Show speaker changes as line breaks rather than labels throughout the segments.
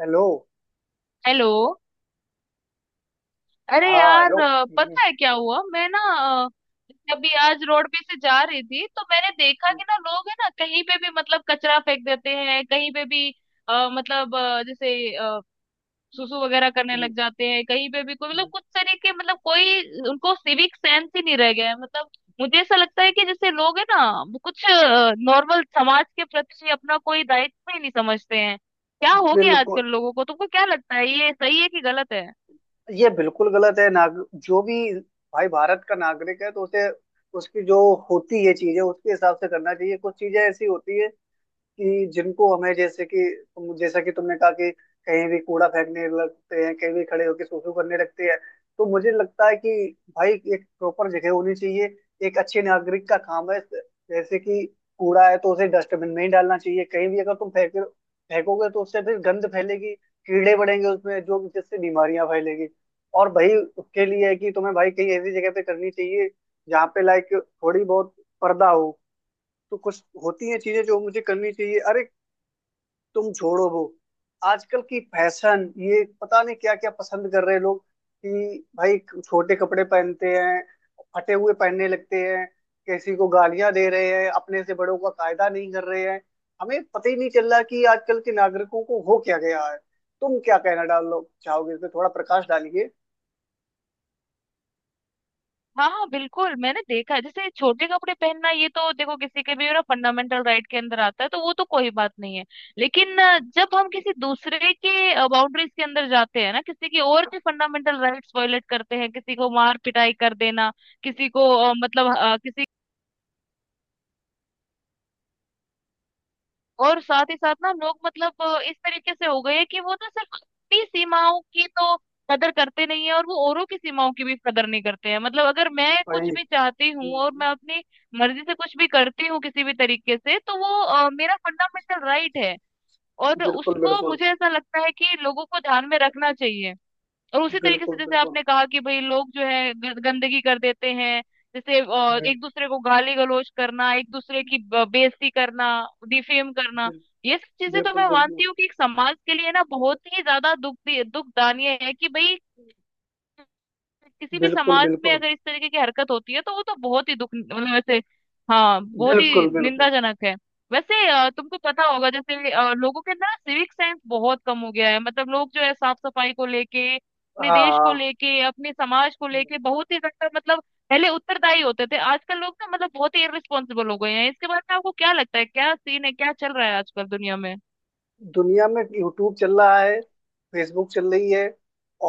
Hello.
Hello. अरे
हाँ,
यार,
हेलो। हम्म,
पता है क्या हुआ? मैं ना अभी आज रोड पे से जा रही थी, तो मैंने देखा कि ना लोग है ना, कहीं पे भी मतलब कचरा फेंक देते हैं कहीं पे भी। अ, मतलब अ, जैसे अ, सुसु वगैरह करने
हम्म,
लग जाते हैं कहीं पे भी। कोई मतलब
हम्म,
कुछ तरीके मतलब कोई, उनको सिविक सेंस ही नहीं रह गया है मतलब। मुझे ऐसा लगता है कि जैसे लोग है ना, वो कुछ नॉर्मल समाज के प्रति अपना कोई दायित्व ही नहीं समझते हैं। क्या हो गया
बिल्कुल।
आजकल लोगों को? तुमको क्या लगता है, ये सही है कि गलत है?
ये बिल्कुल गलत है। नाग, जो भी भाई भारत का नागरिक है तो उसे उसकी जो होती है चीजें उसके हिसाब से करना चाहिए। कुछ चीजें ऐसी होती है कि जिनको हमें, जैसे कि तुम, जैसा कि तुमने कहा कि कहीं भी कूड़ा फेंकने लगते हैं, कहीं भी खड़े होकर सुसु करने लगते हैं। तो मुझे लगता है कि भाई एक प्रॉपर जगह होनी चाहिए। एक अच्छे नागरिक का काम है, जैसे कि कूड़ा है तो उसे डस्टबिन में ही डालना चाहिए। कहीं भी अगर तुम फेंकोगे तो उससे फिर गंद फैलेगी, कीड़े बढ़ेंगे उसमें, जो जिससे बीमारियां फैलेगी। और भाई उसके लिए है कि तुम्हें भाई कहीं ऐसी जगह पे करनी चाहिए जहाँ पे लाइक थोड़ी बहुत पर्दा हो। तो कुछ होती हैं चीजें जो मुझे करनी चाहिए। अरे तुम छोड़ो वो, आजकल की फैशन ये पता नहीं क्या क्या पसंद कर रहे हैं लोग। कि भाई छोटे कपड़े पहनते हैं, फटे हुए पहनने लगते हैं, किसी को गालियां दे रहे हैं, अपने से बड़ों का कायदा नहीं कर रहे हैं। हमें पता ही नहीं चल रहा कि आजकल के नागरिकों को हो क्या गया है। तुम क्या कहना डालो चाहोगे? इस पे थोड़ा प्रकाश डालिए
हाँ बिल्कुल, मैंने देखा है। जैसे छोटे कपड़े पहनना, ये तो देखो किसी के भी ना फंडामेंटल राइट के अंदर आता है, तो वो तो कोई बात नहीं है। लेकिन जब हम किसी दूसरे के बाउंड्रीज के अंदर जाते हैं ना, किसी की और के फंडामेंटल राइट्स वायलेट करते हैं, किसी को मार पिटाई कर देना, किसी को किसी। और साथ ही साथ ना हम लोग मतलब इस तरीके से हो गए हैं कि वो ना सिर्फ अपनी सीमाओं की तो कदर करते नहीं है, और वो औरों की सीमाओं की भी कदर नहीं करते हैं। मतलब अगर मैं
भाई।
कुछ भी चाहती हूँ और
हम्म,
मैं अपनी मर्जी से कुछ भी करती हूँ किसी भी तरीके से, तो वो मेरा फंडामेंटल राइट है। और
बिल्कुल,
उसको
बिल्कुल,
मुझे ऐसा लगता है कि लोगों को ध्यान में रखना चाहिए। और उसी तरीके से
बिल्कुल,
जैसे
बिल्कुल।
आपने कहा कि भाई लोग जो है गंदगी कर देते हैं। जैसे
हम्म,
एक दूसरे को गाली गलौज करना, एक दूसरे की बेइज्जती करना, डिफेम करना,
बिल,
ये सब चीजें तो
बिल्कुल,
मैं मानती
बिल्कुल,
हूँ कि एक समाज के लिए ना बहुत ही ज्यादा दुख दुखदाई है। कि भाई किसी भी
बिल्कुल,
समाज में
बिल्कुल,
अगर इस तरीके की हरकत होती है, तो वो तो बहुत ही दुख मतलब वैसे, हाँ बहुत ही
बिल्कुल, बिल्कुल।
निंदाजनक है। वैसे तुमको पता होगा, जैसे लोगों के अंदर सिविक सेंस बहुत कम हो गया है। मतलब लोग जो है साफ सफाई को लेके, अपने देश को
हाँ,
लेके, अपने समाज को लेके बहुत ही ज्यादा मतलब पहले उत्तरदायी होते थे, आजकल लोग ना मतलब बहुत ही इररिस्पॉन्सिबल हो गए हैं। इसके बारे में आपको क्या लगता है? क्या सीन है, क्या चल रहा है आजकल दुनिया में?
दुनिया में यूट्यूब चल रहा है, फेसबुक चल रही है,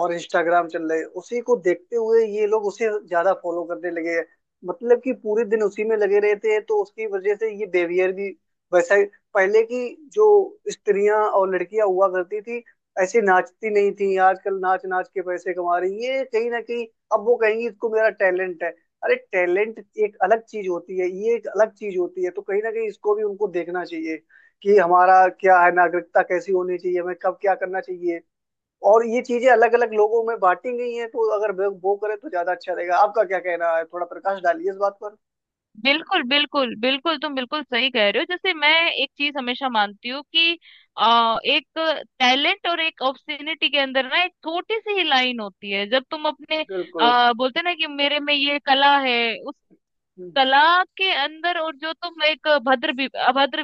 और इंस्टाग्राम चल रही है। उसी को देखते हुए ये लोग उसे ज्यादा फॉलो करने लगे हैं। मतलब कि पूरे दिन उसी में लगे रहते हैं, तो उसकी वजह से ये बिहेवियर भी वैसा ही। पहले की जो स्त्रियां और लड़कियां हुआ करती थी, ऐसे नाचती नहीं थी। आजकल नाच नाच के पैसे कमा रही है, ये कहीं ना कहीं। अब वो कहेंगी इसको, मेरा टैलेंट है। अरे टैलेंट एक अलग चीज होती है, ये एक अलग चीज होती है। तो कहीं ना कहीं इसको भी उनको देखना चाहिए कि हमारा क्या है, नागरिकता कैसी होनी चाहिए, हमें कब क्या करना चाहिए। और ये चीजें अलग अलग लोगों में बांटी गई हैं, तो अगर वो करें तो ज्यादा अच्छा रहेगा। आपका क्या कहना है? थोड़ा प्रकाश डालिए इस बात पर।
बिल्कुल बिल्कुल बिल्कुल, तुम बिल्कुल सही कह रहे हो। जैसे मैं एक चीज हमेशा मानती हूँ कि एक टैलेंट और एक ऑब्स्टिनिटी के अंदर ना एक छोटी सी ही लाइन होती है। जब तुम अपने
बिल्कुल।
बोलते ना कि मेरे में ये कला है, कला के अंदर, और जो तुम एक अभद्र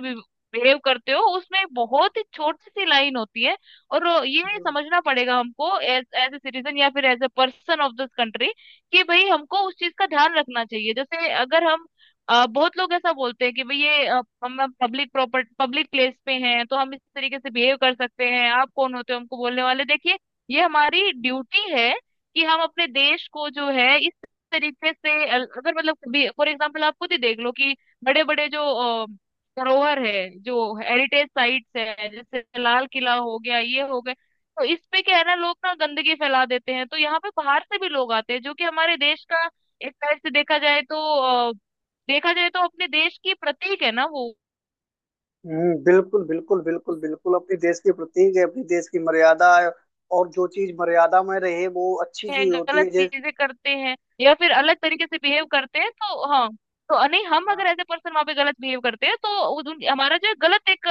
बिहेव करते हो, उसमें एक बहुत ही छोटी सी लाइन होती है। और ये समझना पड़ेगा हमको एज एज ए सिटीजन या फिर as a person of this country, कि भाई हमको उस चीज का ध्यान रखना चाहिए। जैसे अगर हम बहुत लोग ऐसा बोलते हैं कि भाई ये हम पब्लिक प्रॉपर्टी पब्लिक प्लेस पे हैं, तो हम इस तरीके से बिहेव कर सकते हैं, आप कौन होते हो हमको बोलने वाले, देखिए ये हमारी ड्यूटी है कि हम अपने देश को जो है तरीके से अगर मतलब कभी फॉर एग्जाम्पल आप खुद ही देख लो कि बड़े बड़े जो अ, धरोहर है, जो हेरिटेज साइट्स है, जैसे लाल किला हो गया ये हो गए, तो इस पे क्या है ना, लोग ना गंदगी फैला देते हैं। तो यहाँ पे बाहर से भी लोग आते हैं, जो कि हमारे देश का एक तरह से देखा जाए तो अ, अपने देश की प्रतीक है ना वो,
बिल्कुल, बिल्कुल, बिल्कुल, बिल्कुल। अपने देश के प्रतीक है, अपने देश की मर्यादा है। और जो चीज मर्यादा में रहे वो अच्छी
हैं
चीज होती
गलत
है, जैसे।
चीजें करते हैं या फिर अलग तरीके से बिहेव करते हैं, तो हाँ, तो नहीं, हम अगर
हाँ,
एज ए पर्सन वहां पे गलत बिहेव करते हैं, तो हमारा जो है गलत एक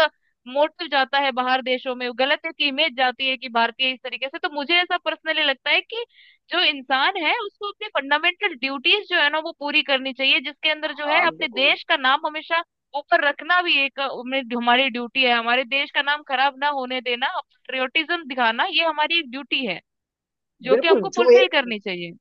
मोटिव जाता है, बाहर देशों में गलत एक इमेज जाती है कि भारतीय इस तरीके से। तो मुझे ऐसा पर्सनली लगता है कि जो इंसान है उसको अपनी फंडामेंटल ड्यूटीज जो है ना वो पूरी करनी चाहिए, जिसके अंदर जो है
हाँ,
अपने
बिल्कुल,
देश का नाम हमेशा ऊपर रखना भी एक हमारी ड्यूटी है। हमारे देश का नाम खराब ना होने देना, पेट्रियोटिज्म दिखाना, ये हमारी एक ड्यूटी है, जो कि
बिल्कुल।
हमको
जो ये,
फुलफिल करनी चाहिए।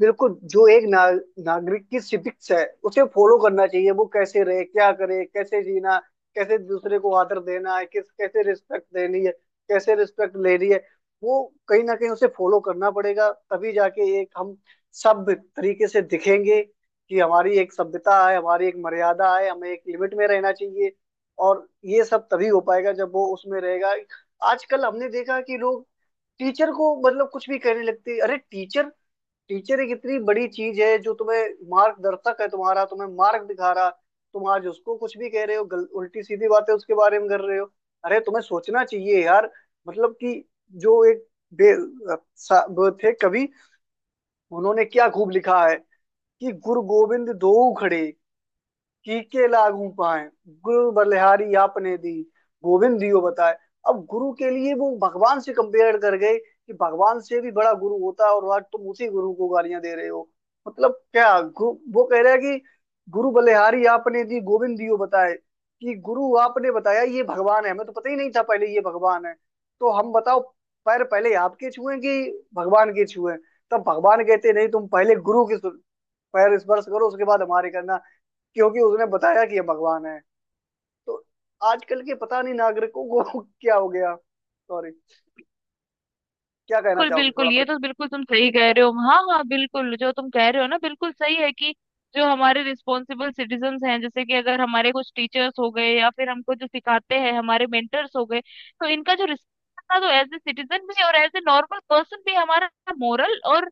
बिल्कुल, जो एक नागरिक की सिविक्स है, उसे फॉलो करना चाहिए। वो कैसे रहे, क्या करे, कैसे जीना, कैसे दूसरे को आदर देना है, किस कैसे रिस्पेक्ट देनी है, कैसे रिस्पेक्ट लेनी है, वो कहीं ना कहीं उसे फॉलो करना पड़ेगा। तभी जाके एक हम सभ्य तरीके से दिखेंगे कि हमारी एक सभ्यता है, हमारी एक मर्यादा है, हमें एक लिमिट में रहना चाहिए। और ये सब तभी हो पाएगा जब वो उसमें रहेगा। आजकल हमने देखा कि लोग टीचर को मतलब कुछ भी कहने लगते हैं। अरे टीचर, टीचर एक इतनी बड़ी चीज है जो तुम्हें मार्गदर्शक है, तुम्हारा तुम्हें मार्ग दिखा रहा। तुम आज उसको कुछ भी कह रहे हो, उल्टी सीधी बातें उसके बारे में कर रहे हो। अरे तुम्हें सोचना चाहिए यार। मतलब कि जो एक बे, वो थे कवि, उन्होंने क्या खूब लिखा है कि गुरु गोविंद दोऊ खड़े, कीके लागू पाए, गुरु बलिहारी आपने दी, गोविंद दियो बताए। अब गुरु के लिए वो भगवान से कंपेयर कर गए, कि भगवान से भी बड़ा गुरु होता है। और आज तुम उसी गुरु को गालियां दे रहे हो। मतलब क्या वो कह रहा है कि गुरु बलिहारी आपने दी, गोविंद दियो बताए। कि गुरु, आपने बताया ये भगवान है, हमें तो पता ही नहीं था पहले ये भगवान है। तो हम बताओ पैर पहले आपके छुए कि भगवान के छुए? तब भगवान कहते नहीं, तुम पहले गुरु के पैर स्पर्श करो, उसके बाद हमारे करना। क्योंकि उसने बताया कि ये भगवान है। तो आजकल के पता नहीं नागरिकों को क्या हो गया, सॉरी। क्या कहना
बिल्कुल
चाहोगे थोड़ा
बिल्कुल, ये
पर?
तो बिल्कुल तुम सही कह रहे हो। हाँ हाँ बिल्कुल, जो तुम कह रहे हो ना बिल्कुल सही है। कि जो हमारे रिस्पॉन्सिबल सिटीजन्स हैं, जैसे कि अगर हमारे कुछ टीचर्स हो गए, या फिर हमको जो सिखाते हैं हमारे मेंटर्स हो गए, तो इनका जो रिस्पॉन्स तो एज ए सिटीजन भी, और एज ए नॉर्मल पर्सन भी, हमारा मोरल और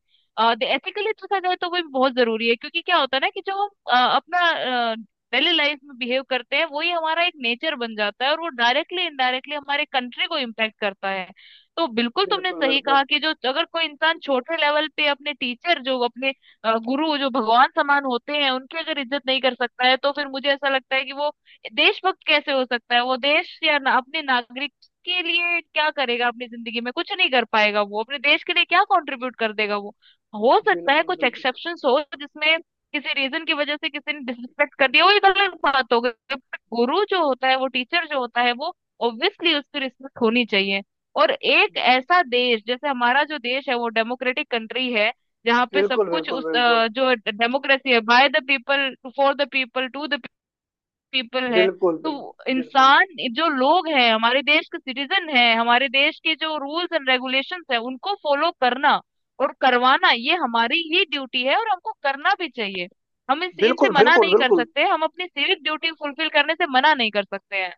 एथिकली देखा जाए तो वो भी बहुत जरूरी है। क्योंकि क्या होता है ना कि जो हम अपना डेली लाइफ में बिहेव करते हैं, वही हमारा एक नेचर बन जाता है, और वो डायरेक्टली इनडायरेक्टली हमारे कंट्री को इम्पैक्ट करता है। तो बिल्कुल तुमने
बिल्कुल,
सही
बिल्कुल,
कहा कि जो अगर कोई इंसान छोटे लेवल पे अपने टीचर, जो अपने गुरु जो भगवान समान होते हैं, उनकी अगर इज्जत नहीं कर सकता है, तो फिर मुझे ऐसा लगता है कि वो देशभक्त कैसे हो सकता है? वो देश या ना, अपने नागरिक के लिए क्या करेगा? अपनी जिंदगी में कुछ नहीं कर पाएगा, वो अपने देश के लिए क्या कंट्रीब्यूट कर देगा। वो हो सकता है
बिल्कुल,
कुछ एक्सेप्शंस हो जिसमें किसी रीजन की वजह से किसी ने डिसरिस्पेक्ट कर दिया, वो ये गलत बात हो गई। गुरु जो होता है, वो टीचर जो होता है वो ऑब्वियसली उसकी रिस्पेक्ट होनी चाहिए। और एक ऐसा देश जैसे हमारा जो देश है वो डेमोक्रेटिक कंट्री है, जहाँ पे सब
बिल्कुल,
कुछ
बिल्कुल, बिल्कुल,
उस
बिल्कुल,
जो डेमोक्रेसी है by the people for the people to the people है,
बिल्कुल,
तो
बिल्कुल,
इंसान, जो लोग हैं हमारे देश के सिटीजन हैं, हमारे देश के जो रूल्स एंड रेगुलेशंस है उनको फॉलो करना और करवाना ये हमारी ही ड्यूटी है और हमको करना भी चाहिए। हम इस इनसे
बिल्कुल,
मना
बिल्कुल,
नहीं कर
बिल्कुल।
सकते, हम अपनी सिविक ड्यूटी फुलफिल करने से मना नहीं कर सकते हैं।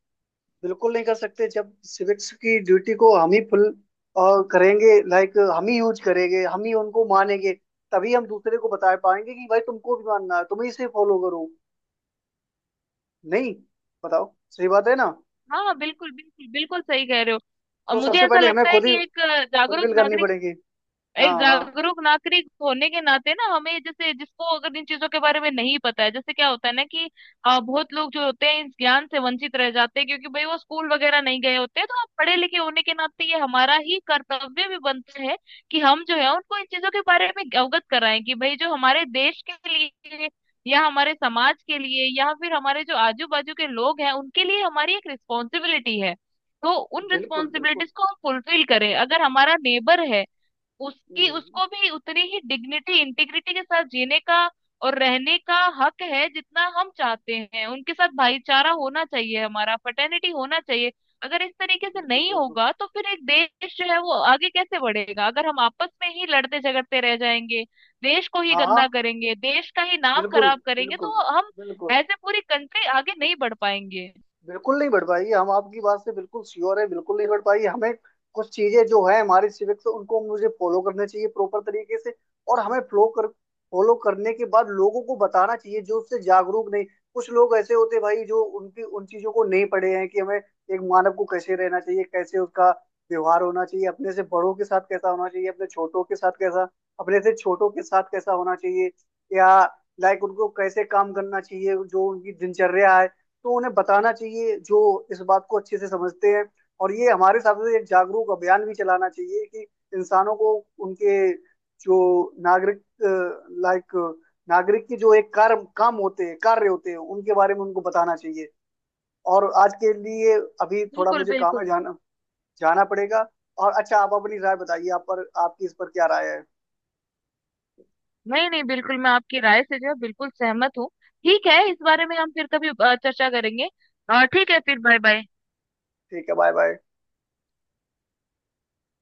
बिल्कुल नहीं कर सकते। जब सिविक्स की ड्यूटी को हम ही फुल करेंगे, लाइक हम ही यूज करेंगे, हम ही उनको मानेंगे, तभी हम दूसरे को बता पाएंगे कि भाई तुमको भी मानना है, तुम ही से फॉलो करो। नहीं, बताओ, सही बात है ना?
हाँ बिल्कुल बिल्कुल बिल्कुल, सही कह रहे हो। और
तो
मुझे
सबसे
ऐसा
पहले हमें
लगता है
खुद ही
कि एक जागरूक
फुलफिल करनी
नागरिक,
पड़ेगी।
एक
हाँ, हाँ,
जागरूक नागरिक होने के नाते ना हमें, जैसे जिसको अगर इन चीजों के बारे में नहीं पता है, जैसे क्या होता है ना कि बहुत लोग जो होते हैं इस ज्ञान से वंचित रह जाते हैं, क्योंकि भाई वो स्कूल वगैरह नहीं गए होते हैं, तो आप पढ़े लिखे होने के नाते ये हमारा ही कर्तव्य भी बनता है कि हम जो है उनको इन चीजों के बारे में अवगत कराएं कि भाई जो हमारे देश के लिए, या हमारे समाज के लिए, या फिर हमारे जो आजू बाजू के लोग हैं उनके लिए हमारी एक रिस्पॉन्सिबिलिटी है। तो उन
बिल्कुल, बिल्कुल।
रिस्पॉन्सिबिलिटीज को हम फुलफिल करें। अगर हमारा नेबर है, उसकी
हम्म,
उसको भी उतनी ही डिग्निटी इंटीग्रिटी के साथ जीने का और रहने का हक है जितना हम चाहते हैं। उनके साथ भाईचारा होना चाहिए, हमारा फ्रेटर्निटी होना चाहिए। अगर इस तरीके से
बिल्कुल,
नहीं
बिल्कुल।
होगा तो फिर एक देश जो है वो आगे कैसे बढ़ेगा? अगर हम आपस में ही लड़ते झगड़ते रह जाएंगे, देश को ही
हाँ, हाँ,
गंदा करेंगे, देश का ही नाम
बिल्कुल,
खराब करेंगे,
बिल्कुल,
तो हम
बिल्कुल।
एज ए पूरी कंट्री आगे नहीं बढ़ पाएंगे।
बिल्कुल नहीं बढ़ पाएगी, हम आपकी बात से बिल्कुल श्योर है। बिल्कुल नहीं बढ़ पाएगी। हमें कुछ चीजें जो है हमारी सिविक्स, उनको मुझे फॉलो करने चाहिए प्रॉपर तरीके से। और हमें फ्लो कर फॉलो करने के बाद लोगों को बताना चाहिए जो उससे जागरूक नहीं। कुछ लोग ऐसे होते हैं भाई जो उनकी उन चीजों को नहीं पढ़े हैं कि हमें एक मानव को कैसे रहना चाहिए, कैसे उसका व्यवहार होना चाहिए, अपने से बड़ों के साथ कैसा होना चाहिए, अपने से छोटों के साथ कैसा होना चाहिए, या लाइक उनको कैसे काम करना चाहिए, जो उनकी दिनचर्या है। तो उन्हें बताना चाहिए जो इस बात को अच्छे से समझते हैं। और ये हमारे हिसाब से एक जागरूक अभियान भी चलाना चाहिए कि इंसानों को उनके जो नागरिक, लाइक नागरिक की जो एक कार्य काम होते हैं कार्य होते हैं, उनके बारे में उनको बताना चाहिए। और आज के लिए अभी थोड़ा
बिल्कुल
मुझे काम है,
बिल्कुल।
जाना जाना पड़ेगा। और अच्छा, आप अपनी राय बताइए, आप पर आपकी इस पर क्या राय है?
नहीं नहीं बिल्कुल, मैं आपकी राय से जो है बिल्कुल सहमत हूँ। ठीक है, इस बारे में हम फिर कभी चर्चा करेंगे। ठीक है, फिर बाय बाय।
ठीक है, बाय बाय।